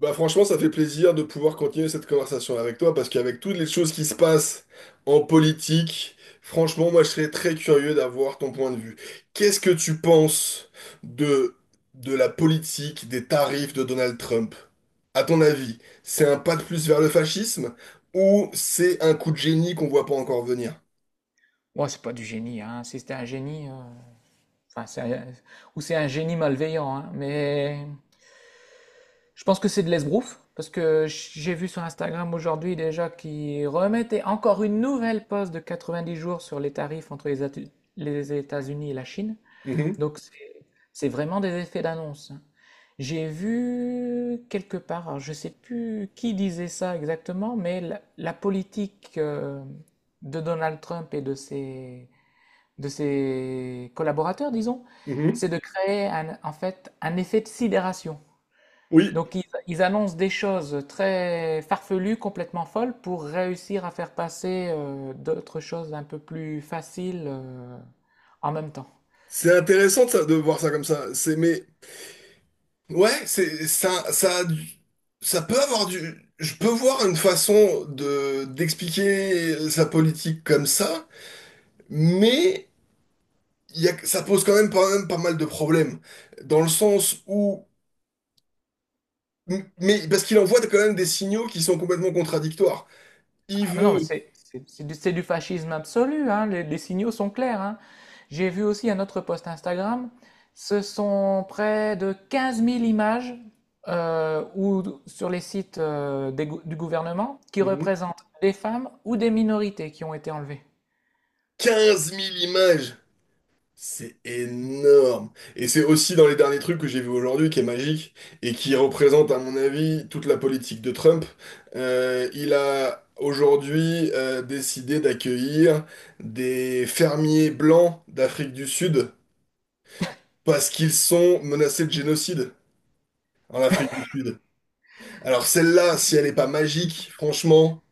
Bah franchement, ça fait plaisir de pouvoir continuer cette conversation avec toi parce qu'avec toutes les choses qui se passent en politique, franchement, moi je serais très curieux d'avoir ton point de vue. Qu'est-ce que tu penses de, de la politique des tarifs de Donald Trump? À ton avis, c'est un pas de plus vers le fascisme ou c'est un coup de génie qu'on voit pas encore venir? Ouais, c'est pas du génie, hein. Si c'était un génie, enfin, ou c'est un génie malveillant, hein. Mais je pense que c'est de l'esbrouf, parce que j'ai vu sur Instagram aujourd'hui déjà qu'ils remettaient encore une nouvelle pause de 90 jours sur les tarifs entre les États-Unis et la Chine. Mhm, Donc c'est vraiment des effets d'annonce, hein. J'ai vu quelque part, alors je sais plus qui disait ça exactement, mais la politique de Donald Trump et de ses collaborateurs, disons, mhm. c'est de créer un, en fait un effet de sidération. Oui, Donc ils annoncent des choses très farfelues, complètement folles, pour réussir à faire passer d'autres choses un peu plus faciles en même temps. c'est intéressant de voir ça comme ça. C'est mais ouais, c'est ça, ça peut avoir du. Je peux voir une façon de d'expliquer sa politique comme ça, mais il y a, ça pose quand même pas mal de problèmes. Dans le sens où. Mais parce qu'il envoie quand même des signaux qui sont complètement contradictoires. Il Ah, mais non, mais veut. C'est du fascisme absolu, hein. Les signaux sont clairs, hein. J'ai vu aussi un autre post Instagram, ce sont près de 15 000 images ou, sur les sites du gouvernement qui Mhm. représentent des femmes ou des minorités qui ont été enlevées. 15 000 images. C'est énorme. Et c'est aussi dans les derniers trucs que j'ai vu aujourd'hui qui est magique et qui représente, à mon avis, toute la politique de Trump. Il a aujourd'hui décidé d'accueillir des fermiers blancs d'Afrique du Sud parce qu'ils sont menacés de génocide en Afrique du Sud. Alors celle-là, si elle n'est pas magique, franchement,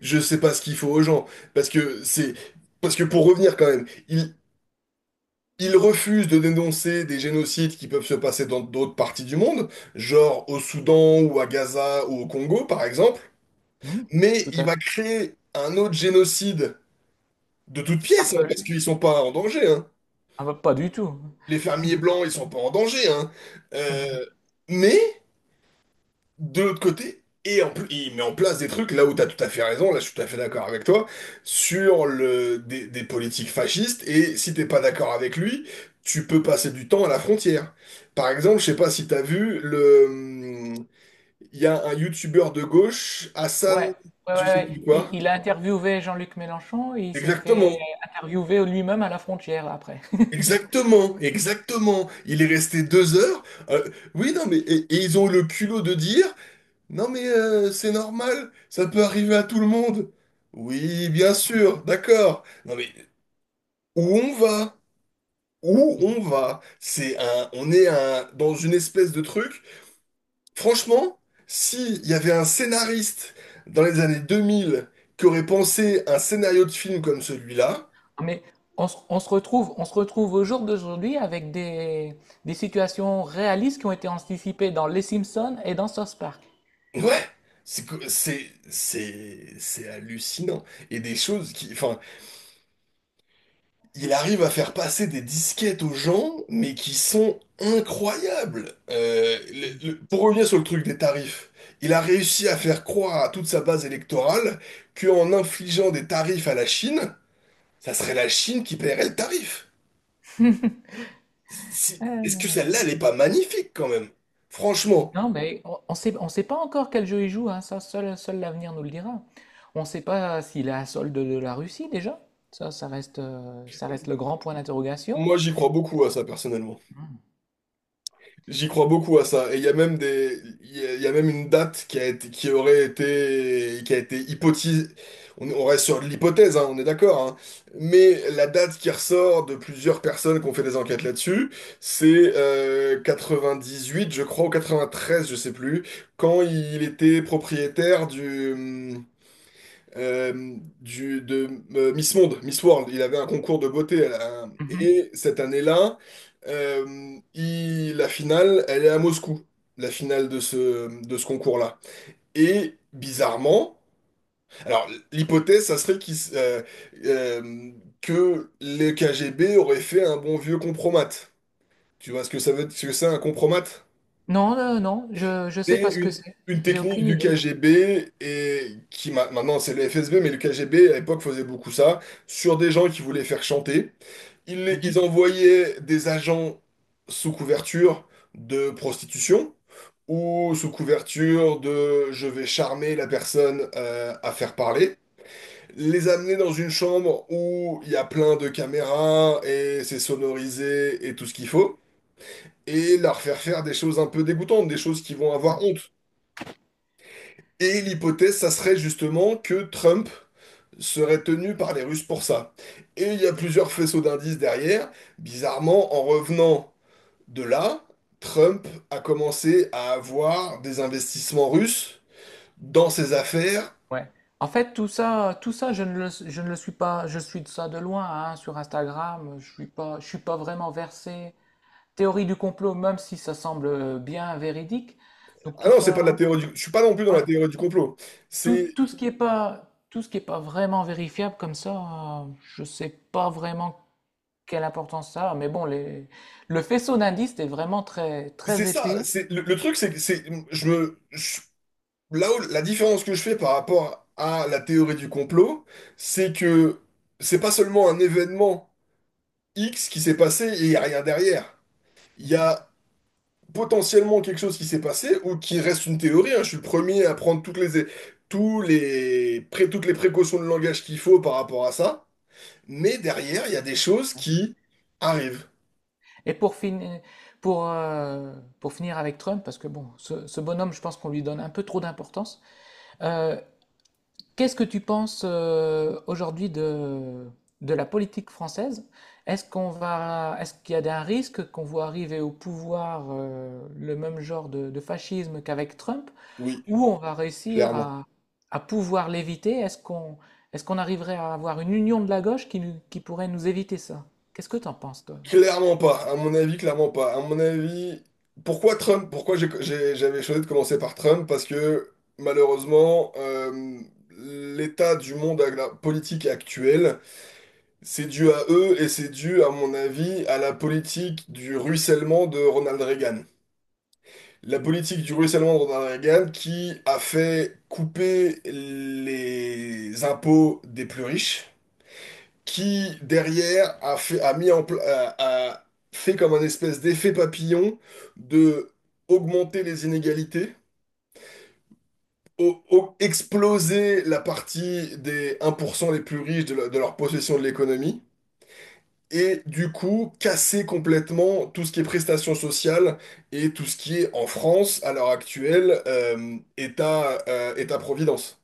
je sais pas ce qu'il faut aux gens. Parce que c'est... Parce que pour revenir quand même, il refuse de dénoncer des génocides qui peuvent se passer dans d'autres parties du monde, genre au Soudan ou à Gaza ou au Congo par exemple, Hmm, mais tout il à va fait. créer un autre génocide de toutes pièces, hein, parce Farfelu. qu'ils sont pas en danger, hein. Ah, bah, pas du tout. Les fermiers blancs, ils sont pas en danger, hein. Euh, mais de l'autre côté, et en plus, il met en place des trucs, là où tu as tout à fait raison, là je suis tout à fait d'accord avec toi, sur le, des politiques fascistes, et si t'es pas d'accord avec lui, tu peux passer du temps à la frontière. Par exemple, je sais pas si tu as vu, le, il y a un youtubeur de gauche, Ouais, Hassan, ouais, ouais, je sais ouais. plus Il, quoi. il a interviewé Jean-Luc Mélenchon et il s'est fait Exactement. interviewer lui-même à la frontière après. Exactement, exactement. Il est resté 2 heures. Euh, oui, non, mais et ils ont eu le culot de dire, non mais c'est normal, ça peut arriver à tout le monde. Oui, bien sûr, d'accord. Non mais où on va? Où on va? C'est un, on est un, dans une espèce de truc. Franchement, s'il y avait un scénariste dans les années 2000 qui aurait pensé un scénario de film comme celui-là, Mais on se retrouve, on se retrouve au jour d'aujourd'hui avec des situations réalistes qui ont été anticipées dans Les Simpsons et dans South Park. ouais, c'est hallucinant. Et des choses qui, enfin, il arrive à faire passer des disquettes aux gens, mais qui sont incroyables. Pour revenir sur le truc des tarifs, il a réussi à faire croire à toute sa base électorale qu'en infligeant des tarifs à la Chine, ça serait la Chine qui paierait le tarif. Est-ce que Euh, celle-là, elle n'est pas magnifique quand même? Franchement, non, mais on sait pas encore quel jeu il joue, hein. Seul l'avenir nous le dira. On ne sait pas s'il est à solde de la Russie déjà. Ça reste, ça reste le grand point d'interrogation. moi j'y crois beaucoup à ça personnellement. Mhm. J'y crois beaucoup à ça. Et il y a même des, il y a même une date qui a été, qui aurait été, qui a été hypothèse. On reste sur de l'hypothèse, hein, on est d'accord, hein. Mais la date qui ressort de plusieurs personnes qui ont fait des enquêtes là-dessus, c'est 98, je crois, ou 93, je sais plus, quand il était propriétaire du, de Miss Monde, Miss World. Il avait un concours de beauté. Mhm. Et cette année-là, la finale, elle est à Moscou, la finale de ce concours-là. Et bizarrement, alors l'hypothèse, ça serait euh, que les KGB auraient fait un bon vieux compromat. Tu vois ce que ça veut, ce que c'est un compromat? Non, non, je ne sais C'est pas ce que c'est. une J'ai technique aucune du idée. KGB et qui maintenant c'est le FSB, mais le KGB à l'époque faisait beaucoup ça sur des gens qui voulaient faire chanter. Ils envoyaient des agents sous couverture de prostitution ou sous couverture de je vais charmer la personne à faire parler. Les amener dans une chambre où il y a plein de caméras et c'est sonorisé et tout ce qu'il faut. Et leur faire faire des choses un peu dégoûtantes, des choses qui vont Mhm. avoir honte. Et l'hypothèse, ça serait justement que Trump serait tenu par les Russes pour ça. Et il y a plusieurs faisceaux d'indices derrière. Bizarrement, en revenant de là, Trump a commencé à avoir des investissements russes dans ses affaires. Ouais. En fait, tout ça, je ne le suis pas. Je suis de ça de loin, hein, sur Instagram. Je suis pas vraiment versé théorie du complot, même si ça semble bien véridique. Donc Ah tout non, c'est pas de ça, la théorie du... Je suis pas non plus dans ouais. la théorie du complot. C'est Tout ce qui est pas, tout ce qui est pas vraiment vérifiable comme ça, je sais pas vraiment quelle importance ça a. Mais bon, les, le faisceau d'indices est vraiment très, c'est très ça. épais. C'est le truc, c'est que c'est je me je- là où la différence que je fais par rapport à la théorie du complot, c'est que c'est pas seulement un événement X qui s'est passé et il n'y a rien derrière. Il y a potentiellement quelque chose qui s'est passé ou qui reste une théorie, hein. Je suis le premier à prendre toutes les, toutes les précautions de langage qu'il faut par rapport à ça. Mais derrière, il y a des choses Mhm. qui arrivent. Et pour, fin- pour, euh, pour finir avec Trump, parce que bon, ce bonhomme, je pense qu'on lui donne un peu trop d'importance, euh, qu'est-ce que tu penses aujourd'hui de la politique française? Est-ce qu'il y a un risque qu'on voit arriver au pouvoir le même genre de fascisme qu'avec Trump, Oui, ou on va réussir clairement. À pouvoir l'éviter? Est-ce qu'on arriverait à avoir une union de la gauche qui pourrait nous éviter ça? Qu'est-ce que tu en penses, toi? Clairement pas. À mon avis, clairement pas. À mon avis, pourquoi Trump? Pourquoi j'avais choisi de commencer par Trump? Parce que malheureusement, l'état du monde politique actuel, c'est dû à eux et c'est dû, à mon avis, à la politique du ruissellement de Ronald Reagan. La Mm. politique du ruissellement de Ronald Reagan qui a fait couper les impôts des plus riches, qui derrière a mis en pla- a fait comme un espèce d'effet papillon de augmenter les inégalités, exploser la partie des 1% les plus riches de leur possession de l'économie et du coup casser complètement tout ce qui est prestations sociales et tout ce qui est en France à l'heure actuelle État, État-providence.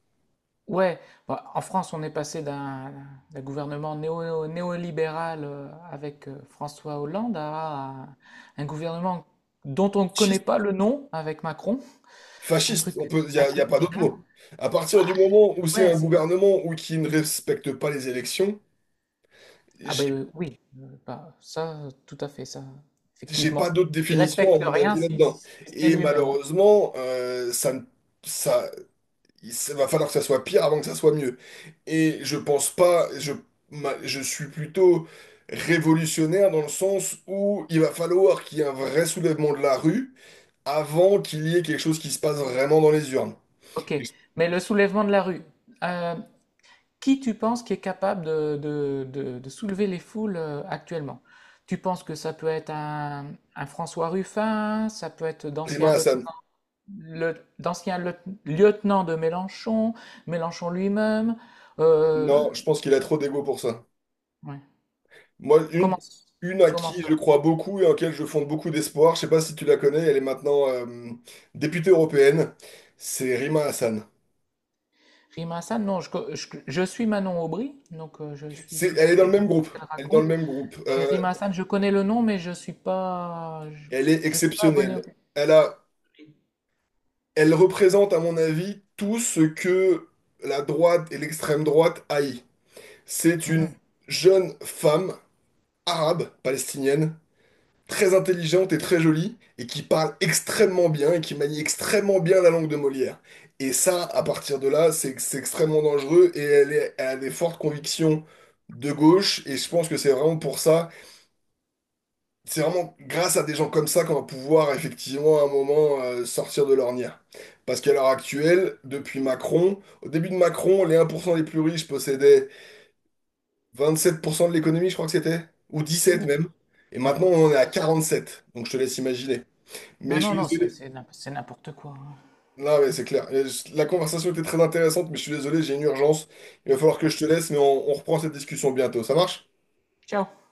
Ouais, bah, en France, on est passé d'un gouvernement néolibéral avec François Hollande à un gouvernement dont on ne connaît Fasciste. pas le nom avec Macron. Un Fasciste, truc, on peut, il n'y un a, y a truc pas d'autre bizarre. mot. À partir du moment où c'est Ouais, un c'est- gouvernement ou qui ne respecte pas les élections, ah ben j'ai oui, bah, tout à fait, ça, j'ai pas effectivement. d'autre Il définition à respecte mon rien avis si, là-dedans. si ce n'est Et lui-même. malheureusement, ça, ne- ça, va falloir que ça soit pire avant que ça soit mieux. Et je pense pas, je suis plutôt révolutionnaire dans le sens où il va falloir qu'il y ait un vrai soulèvement de la rue avant qu'il y ait quelque chose qui se passe vraiment dans les urnes. Ok, Et mais le soulèvement de la rue. euh, Qui tu penses qui est capable de, de soulever les foules actuellement? Tu penses que ça peut être un François Ruffin, ça peut être d'anciens Prima lieutenants Hassan, le- d'anciens lieu- lieutenants de Mélenchon, Mélenchon lui-même. non, euh, je pense qu'il a trop d'ego pour ça. ouais. Moi, Comment, une à comment qui je ça? crois beaucoup et en laquelle je fonde beaucoup d'espoir, je sais pas si tu la connais, elle est maintenant députée européenne, c'est Rima Hassan. Rima Hassan? Non, je suis Manon Aubry, donc je suis C'est, elle est dans le même tout groupe. ce qu'elle Elle est dans le raconte. même groupe. Mais Rima Hassan, je connais le nom, Elle est je suis pas abonné exceptionnelle. au- Elle a, elle représente, à mon avis, tout ce que la droite et l'extrême droite haït. C'est une Mhm. jeune femme arabe, palestinienne, très intelligente et très jolie, et qui parle extrêmement bien et qui manie extrêmement bien la langue de Molière. Et ça, à partir de là, c'est extrêmement dangereux et elle a des fortes convictions de gauche, et je pense que c'est vraiment pour ça. C'est vraiment grâce à des gens comme ça qu'on va pouvoir effectivement à un moment sortir de l'ornière. Parce qu'à l'heure actuelle, depuis Macron, au début de Macron, les 1% les plus riches possédaient 27% de l'économie, je crois que c'était, ou 17 Ou- même. Et ouais. maintenant, on en est à 47. Donc je te laisse imaginer. Mais Non, je non, suis non, désolé. C'est n'importe quoi, hein. Non, mais c'est clair. La conversation était très intéressante, mais je suis désolé, j'ai une urgence. Il va falloir que Ok. je te laisse, mais on reprend cette discussion bientôt. Ça marche? Ciao.